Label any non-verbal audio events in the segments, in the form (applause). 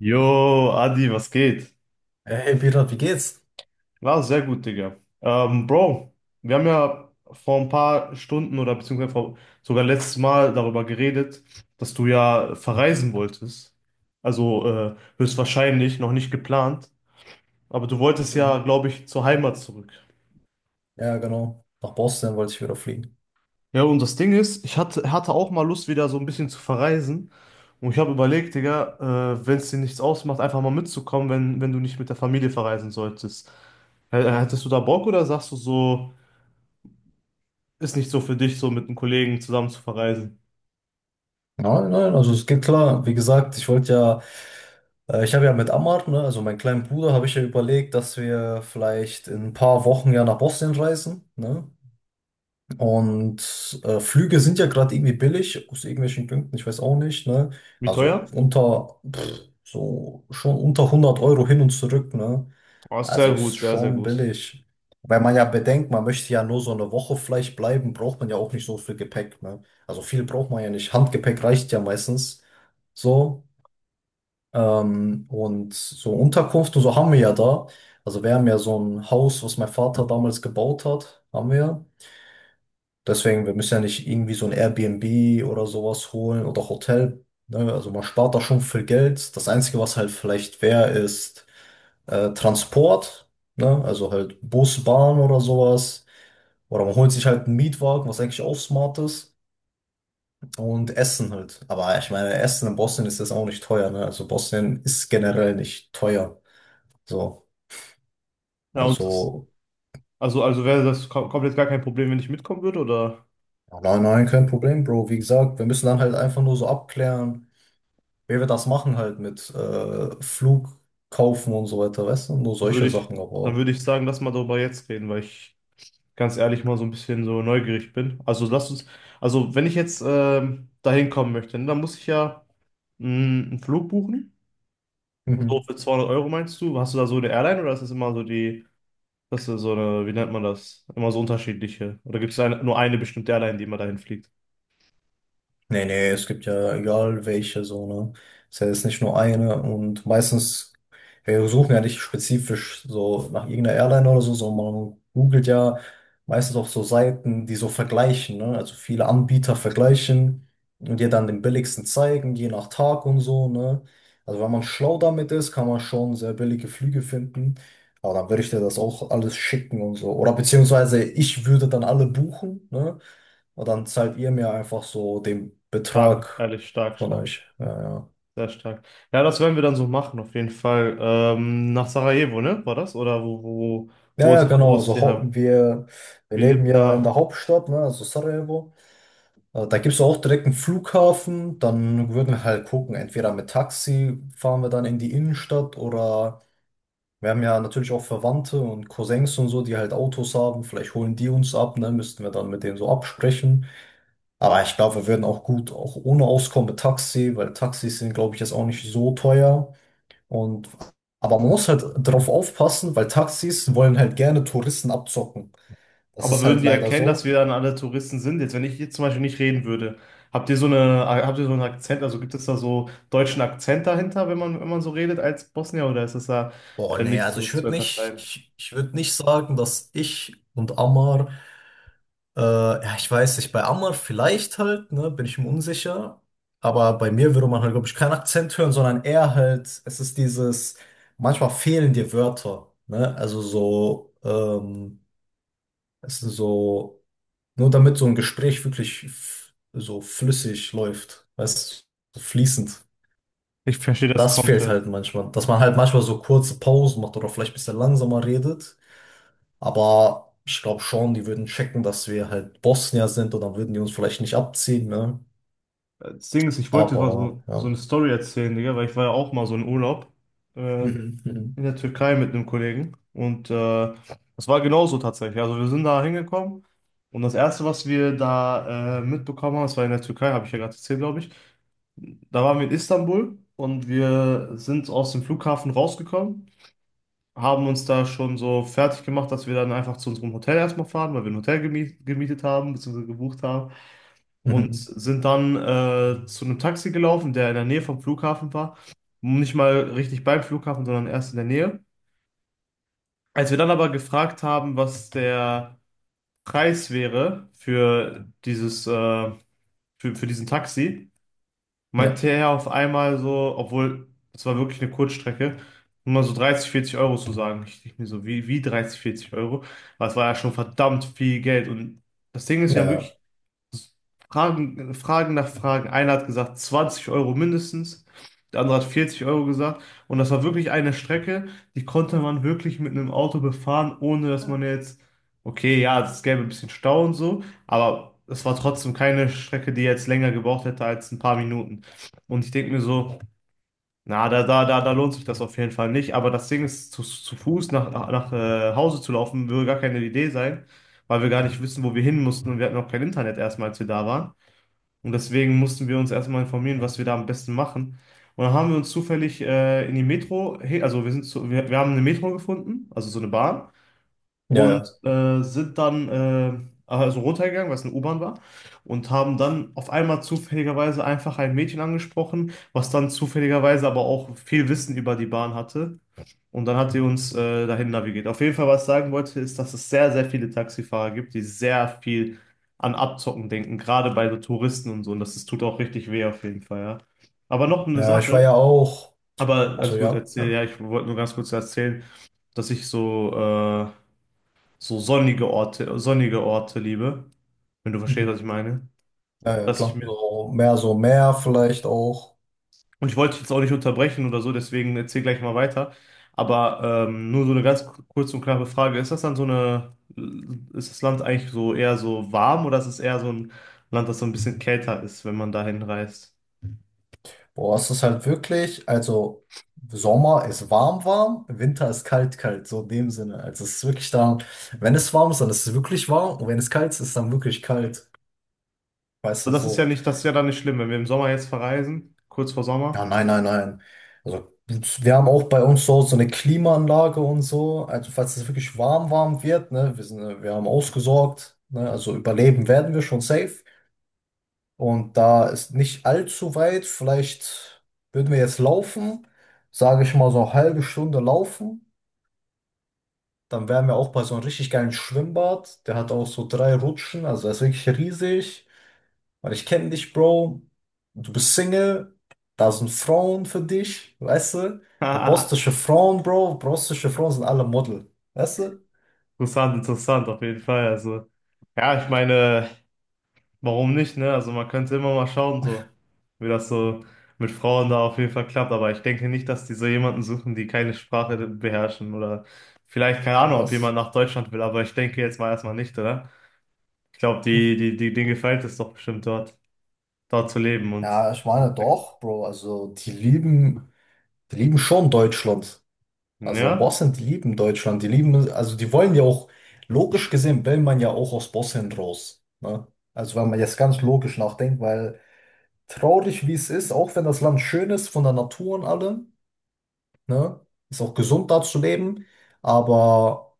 Jo, Adi, was geht? Hey hey, Peter, wie geht's? Ja, sehr gut, Digga. Bro, wir haben ja vor ein paar Stunden oder sogar letztes Mal darüber geredet, dass du ja verreisen wolltest. Also höchstwahrscheinlich noch nicht geplant, aber du wolltest ja, Mhm. glaube ich, zur Heimat zurück. Ja, genau. Nach Boston wollte ich wieder fliegen. Ja, und das Ding ist, ich hatte auch mal Lust, wieder so ein bisschen zu verreisen. Und ich habe überlegt, Digga, wenn es dir nichts ausmacht, einfach mal mitzukommen, wenn du nicht mit der Familie verreisen solltest. Hättest du da Bock oder sagst du so, ist nicht so für dich, so mit einem Kollegen zusammen zu verreisen? Nein, nein, also es geht klar. Wie gesagt, ich wollte ja, ich habe ja mit Ammar, ne, also meinem kleinen Bruder, habe ich ja überlegt, dass wir vielleicht in ein paar Wochen ja nach Boston reisen, ne? Und Flüge sind ja gerade irgendwie billig, aus irgendwelchen Gründen, ich weiß auch nicht, ne? Wie Also teuer? unter, pff, so schon unter 100 Euro hin und zurück, ne? Oh, ist sehr Also ist gut, sehr, sehr schon gut. billig. Weil man ja bedenkt, man möchte ja nur so eine Woche vielleicht bleiben, braucht man ja auch nicht so viel Gepäck, ne? Also viel braucht man ja nicht. Handgepäck reicht ja meistens so. Und so Unterkunft und so haben wir ja da. Also wir haben ja so ein Haus, was mein Vater damals gebaut hat, haben wir. Deswegen, wir müssen ja nicht irgendwie so ein Airbnb oder sowas holen oder Hotel. Ne? Also man spart da schon viel Geld. Das Einzige, was halt vielleicht wäre, ist Transport. Ne? Also halt Bus, Bahn oder sowas. Oder man holt sich halt einen Mietwagen, was eigentlich auch smart ist. Und Essen halt. Aber ich meine, Essen in Bosnien ist jetzt auch nicht teuer. Ne? Also Bosnien ist generell nicht teuer. So, Ja, und das, also also wäre das komplett gar kein Problem, wenn ich mitkommen würde, oder ja, nein, nein, kein Problem, Bro. Wie gesagt, wir müssen dann halt einfach nur so abklären. Wer wird das machen halt mit Flug kaufen und so weiter, weißt du? Nur dann würde solche ich, Sachen, dann aber. würde ich sagen, lass mal darüber jetzt reden, weil ich ganz ehrlich mal so ein bisschen so neugierig bin. Also wenn ich jetzt dahin kommen möchte, ne, dann muss ich ja mh, einen Flug buchen. So Mhm. für 200 Euro meinst du? Hast du da so eine Airline oder ist das immer so die, das ist so eine, wie nennt man das? Immer so unterschiedliche. Oder gibt es eine, nur eine bestimmte Airline, die immer dahin fliegt? Nee, nee, es gibt ja egal welche so, ne? Es ist ja jetzt nicht nur eine und meistens, wir suchen ja nicht spezifisch so nach irgendeiner Airline oder so, sondern man googelt ja meistens auch so Seiten, die so vergleichen, ne? Also viele Anbieter vergleichen und dir dann den billigsten zeigen, je nach Tag und so, ne? Also wenn man schlau damit ist, kann man schon sehr billige Flüge finden. Aber dann würde ich dir das auch alles schicken und so. Oder beziehungsweise ich würde dann alle buchen, ne? Und dann zahlt ihr mir einfach so den Stark, Betrag ehrlich, stark, von stark, euch. Ja, ja. sehr stark. Ja, das werden wir dann so machen, auf jeden Fall. Nach Sarajevo, ne? War das? Oder wo, wo, Ja, ja, wo genau. ist Also die, wir, wir wie, leben ja in der Hauptstadt, ne, also Sarajevo. Da gibt es auch direkt einen Flughafen. Dann würden wir halt gucken, entweder mit Taxi fahren wir dann in die Innenstadt oder wir haben ja natürlich auch Verwandte und Cousins und so, die halt Autos haben. Vielleicht holen die uns ab, ne, müssten wir dann mit denen so absprechen. Aber ich glaube, wir würden auch gut auch ohne Auskommen mit Taxi, weil Taxis sind, glaube ich, jetzt auch nicht so teuer. Und, aber man muss halt drauf aufpassen, weil Taxis wollen halt gerne Touristen abzocken. Das Aber ist würden halt die leider erkennen, dass wir so. dann alle Touristen sind? Jetzt, wenn ich jetzt zum Beispiel nicht reden würde, habt ihr so eine, habt ihr so einen Akzent? Also gibt es da so deutschen Akzent dahinter, wenn man so redet als Bosnier, oder ist das da Boah, nee, nicht also so ich zu würde nicht, unterscheiden? ich würde nicht sagen, dass ich und Ammar, ja, ich weiß nicht, bei Ammar vielleicht halt, ne, bin ich mir unsicher. Aber bei mir würde man halt, glaube ich, keinen Akzent hören, sondern eher halt, es ist dieses, manchmal fehlen dir Wörter, ne, also so, es ist so, nur damit so ein Gespräch wirklich so flüssig läuft, weißt du, so fließend. Ich verstehe das Das fehlt komplett. halt manchmal, dass man halt manchmal so kurze Pausen macht oder vielleicht ein bisschen langsamer redet. Aber ich glaube schon, die würden checken, dass wir halt Bosnier sind und dann würden die uns vielleicht nicht abziehen, ne? Das Ding ist, ich wollte jetzt mal Aber so, so ja. eine Story erzählen, Digga, weil ich war ja auch mal so in Urlaub. Äh, Mhm. Mhm. in der Türkei mit einem Kollegen und das war genauso tatsächlich. Also wir sind da hingekommen und das Erste, was wir da mitbekommen haben, das war in der Türkei, habe ich ja gerade erzählt, glaube ich. Da waren wir in Istanbul und wir sind aus dem Flughafen rausgekommen, haben uns da schon so fertig gemacht, dass wir dann einfach zu unserem Hotel erstmal fahren, weil wir ein gemietet haben, beziehungsweise gebucht haben und Mhm. sind dann zu einem Taxi gelaufen, der in der Nähe vom Flughafen war. Nicht mal richtig beim Flughafen, sondern erst in der Nähe. Als wir dann aber gefragt haben, was der Preis wäre für für diesen Taxi, Ja, meinte er auf einmal so, obwohl es war wirklich eine Kurzstrecke, nur mal so 30, 40 Euro zu sagen. Ich dachte mir so, wie 30, 40 Euro? Das war ja schon verdammt viel Geld. Und das Ding ist, ja, wir haben ja, wirklich Fragen nach Fragen. Einer hat gesagt 20 Euro mindestens, der andere hat 40 Euro gesagt. Und das war wirklich eine Strecke, die konnte man wirklich mit einem Auto befahren, ohne dass man jetzt, okay, ja, es gäbe ein bisschen Stau und so, aber es war trotzdem keine Strecke, die jetzt länger gebraucht hätte als ein paar Minuten. Und ich denke mir so, da lohnt sich das auf jeden Fall nicht. Aber das Ding ist, zu Fuß nach Hause zu laufen, würde gar keine Idee sein, weil wir gar nicht wissen, wo wir hin mussten und wir hatten auch kein Internet erstmal, als wir da waren. Und deswegen mussten wir uns erstmal informieren, was wir da am besten machen. Und dann haben wir uns zufällig in die Metro, he- also wir sind zu, wir haben eine Metro gefunden, also so eine Bahn ja, und ja. sind dann also runtergegangen, weil es eine U-Bahn war und haben dann auf einmal zufälligerweise einfach ein Mädchen angesprochen, was dann zufälligerweise aber auch viel Wissen über die Bahn hatte. Und dann hat sie uns dahin navigiert. Auf jeden Fall, was ich sagen wollte, ist, dass es sehr, sehr viele Taxifahrer gibt, die sehr viel an Abzocken denken, gerade bei so Touristen und so. Und das, das tut auch richtig weh auf jeden Fall, ja. Aber noch eine Ja, ich war Sache, ja auch, aber also alles gut, ja, erzähl, ja, ja, ich wollte nur ganz kurz erzählen, dass ich so so sonnige Orte liebe, wenn du verstehst, was mhm. ich meine. Ja, ja, Dass ich klar. mir, So mehr vielleicht auch. und ich wollte dich jetzt auch nicht unterbrechen oder so, deswegen erzähl gleich mal weiter. Aber nur so eine ganz kurze und knappe Frage. Ist das Land eigentlich so eher so warm oder ist es eher so ein Land, das so ein bisschen kälter ist, wenn man dahin reist? Boah, es ist halt wirklich, also Sommer ist warm, warm, Winter ist kalt, kalt, so in dem Sinne. Also es ist wirklich dann, wenn es warm ist, dann ist es wirklich warm und wenn es kalt ist, ist es dann wirklich kalt. Weißt Aber du, das ist ja so. nicht, das ist ja dann nicht schlimm, wenn wir im Sommer jetzt verreisen, kurz vor Ja, Sommer. nein, nein, nein. Also wir haben auch bei uns so, so eine Klimaanlage und so. Also falls es wirklich warm, warm wird, ne, wir sind, wir haben ausgesorgt, ne, also überleben werden wir schon safe. Und da ist nicht allzu weit, vielleicht würden wir jetzt laufen, sage ich mal so eine halbe Stunde laufen. Dann wären wir auch bei so einem richtig geilen Schwimmbad. Der hat auch so drei Rutschen, also er ist wirklich riesig. Weil ich kenne dich, Bro. Du bist Single. Da sind Frauen für dich, weißt du? Und (laughs) bostische Frauen, Bro. Bostische Frauen sind alle Model, weißt du? Interessant, interessant, auf jeden Fall. Also, ja, ich meine. Warum nicht, ne? Also man könnte immer mal schauen, so, wie das so mit Frauen da auf jeden Fall klappt. Aber ich denke nicht, dass die so jemanden suchen, die keine Sprache beherrschen oder vielleicht, keine Ach, Ahnung, ob jemand was? nach Deutschland will, aber ich denke jetzt mal erstmal nicht, oder? Ich glaube, Hm. Die, denen gefällt es doch bestimmt dort, dort zu leben und Ja, ich meine doch, Bro. Also die lieben schon Deutschland. Also ja, Bosnien, die lieben Deutschland. Die lieben, also die wollen ja auch, logisch gesehen, will man ja auch aus Bosnien raus. Ne? Also wenn man jetzt ganz logisch nachdenkt, weil traurig, wie es ist, auch wenn das Land schön ist von der Natur und allem, ne? Ist auch gesund da zu leben, aber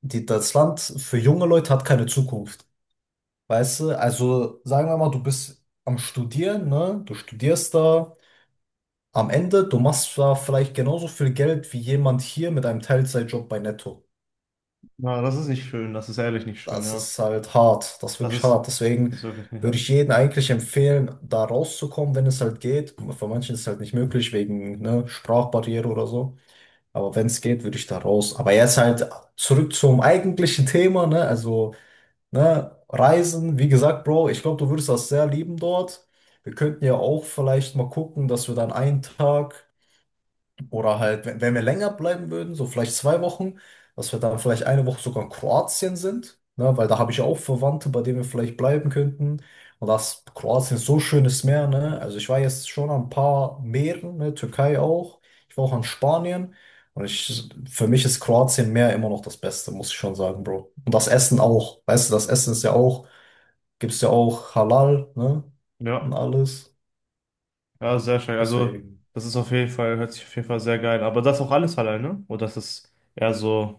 die, das Land für junge Leute hat keine Zukunft. Weißt du, also sagen wir mal, du bist am Studieren, ne? Du studierst da. Am Ende, du machst da vielleicht genauso viel Geld wie jemand hier mit einem Teilzeitjob bei Netto. na, das ist nicht schön, das ist ehrlich nicht schön, Das ja. ist halt hart, das ist Das wirklich ist, hart. das Deswegen ist wirklich nicht würde halt. ich jedem eigentlich empfehlen, da rauszukommen, wenn es halt geht. Für manchen ist es halt nicht möglich, wegen, ne, Sprachbarriere oder so. Aber wenn es geht, würde ich da raus. Aber jetzt halt zurück zum eigentlichen Thema, ne? Also, ne, Reisen, wie gesagt, Bro, ich glaube, du würdest das sehr lieben dort. Wir könnten ja auch vielleicht mal gucken, dass wir dann einen Tag oder halt, wenn wir länger bleiben würden, so vielleicht zwei Wochen, dass wir dann vielleicht eine Woche sogar in Kroatien sind, ne? Weil da habe ich auch Verwandte, bei denen wir vielleicht bleiben könnten. Und das Kroatien ist so schönes Meer, ne? Also ich war jetzt schon an ein paar Meeren, ne? Türkei auch. Ich war auch an Spanien. Und ich, für mich ist Kroatien Meer immer noch das Beste, muss ich schon sagen, Bro. Und das Essen auch. Weißt du, das Essen ist ja auch, gibt's ja auch Halal, ne? Und Ja, alles. ja, sehr schön. Also, Deswegen. das ist auf jeden Fall, hört sich auf jeden Fall sehr geil. An. Aber das auch alles alleine? Oder das ist eher so.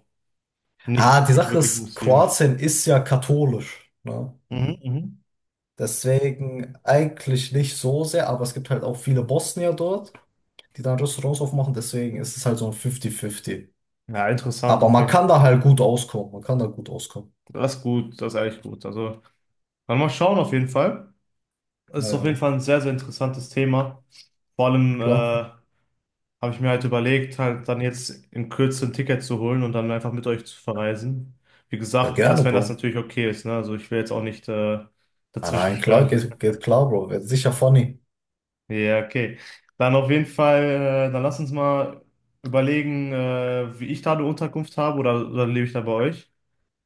Ah, Nicht, die nicht Sache wirklich ist, muslimisch. Kroatien ist ja katholisch, ne? Mhm, mhm. Deswegen eigentlich nicht so sehr, aber es gibt halt auch viele Bosnier dort, die dann Restaurants aufmachen, deswegen ist es halt so ein 50-50. Ja, interessant Aber auf man jeden kann Fall. da halt gut auskommen, man kann da gut auskommen. Das ist gut, das ist echt gut. Also, dann mal schauen auf jeden Fall. Es Ja, ist auf jeden ja, Fall ein sehr, sehr interessantes Thema. Vor allem klar. habe ich mir halt überlegt, halt dann jetzt in Kürze ein Ticket zu holen und dann einfach mit euch zu verreisen. Wie Ja, gesagt, gerne, erst wenn das Bro. natürlich okay ist, ne? Also ich will jetzt auch nicht Ah, dazwischen nein, klar, stören. geht, (laughs) geht klar, Bro. Wird sicher funny. Ja, okay. Dann auf jeden Fall, dann lass uns mal überlegen, wie ich da eine Unterkunft habe oder lebe ich da bei euch?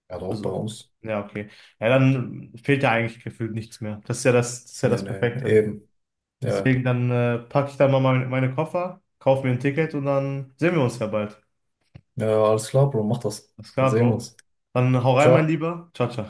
Ja, doch, bei Also, uns. ja, okay. Ja, dann fehlt ja eigentlich gefühlt nichts mehr. Das ist ja Nee, das nee, Perfekte. eben. Ja, Deswegen dann packe ich dann mal meine Koffer, kaufe mir ein Ticket und dann sehen wir uns ja bald. ja, alles klar, Bro, mach das. Alles Dann klar, sehen wir Bro. uns. Dann hau rein, mein Ciao. Lieber. Ciao, ciao.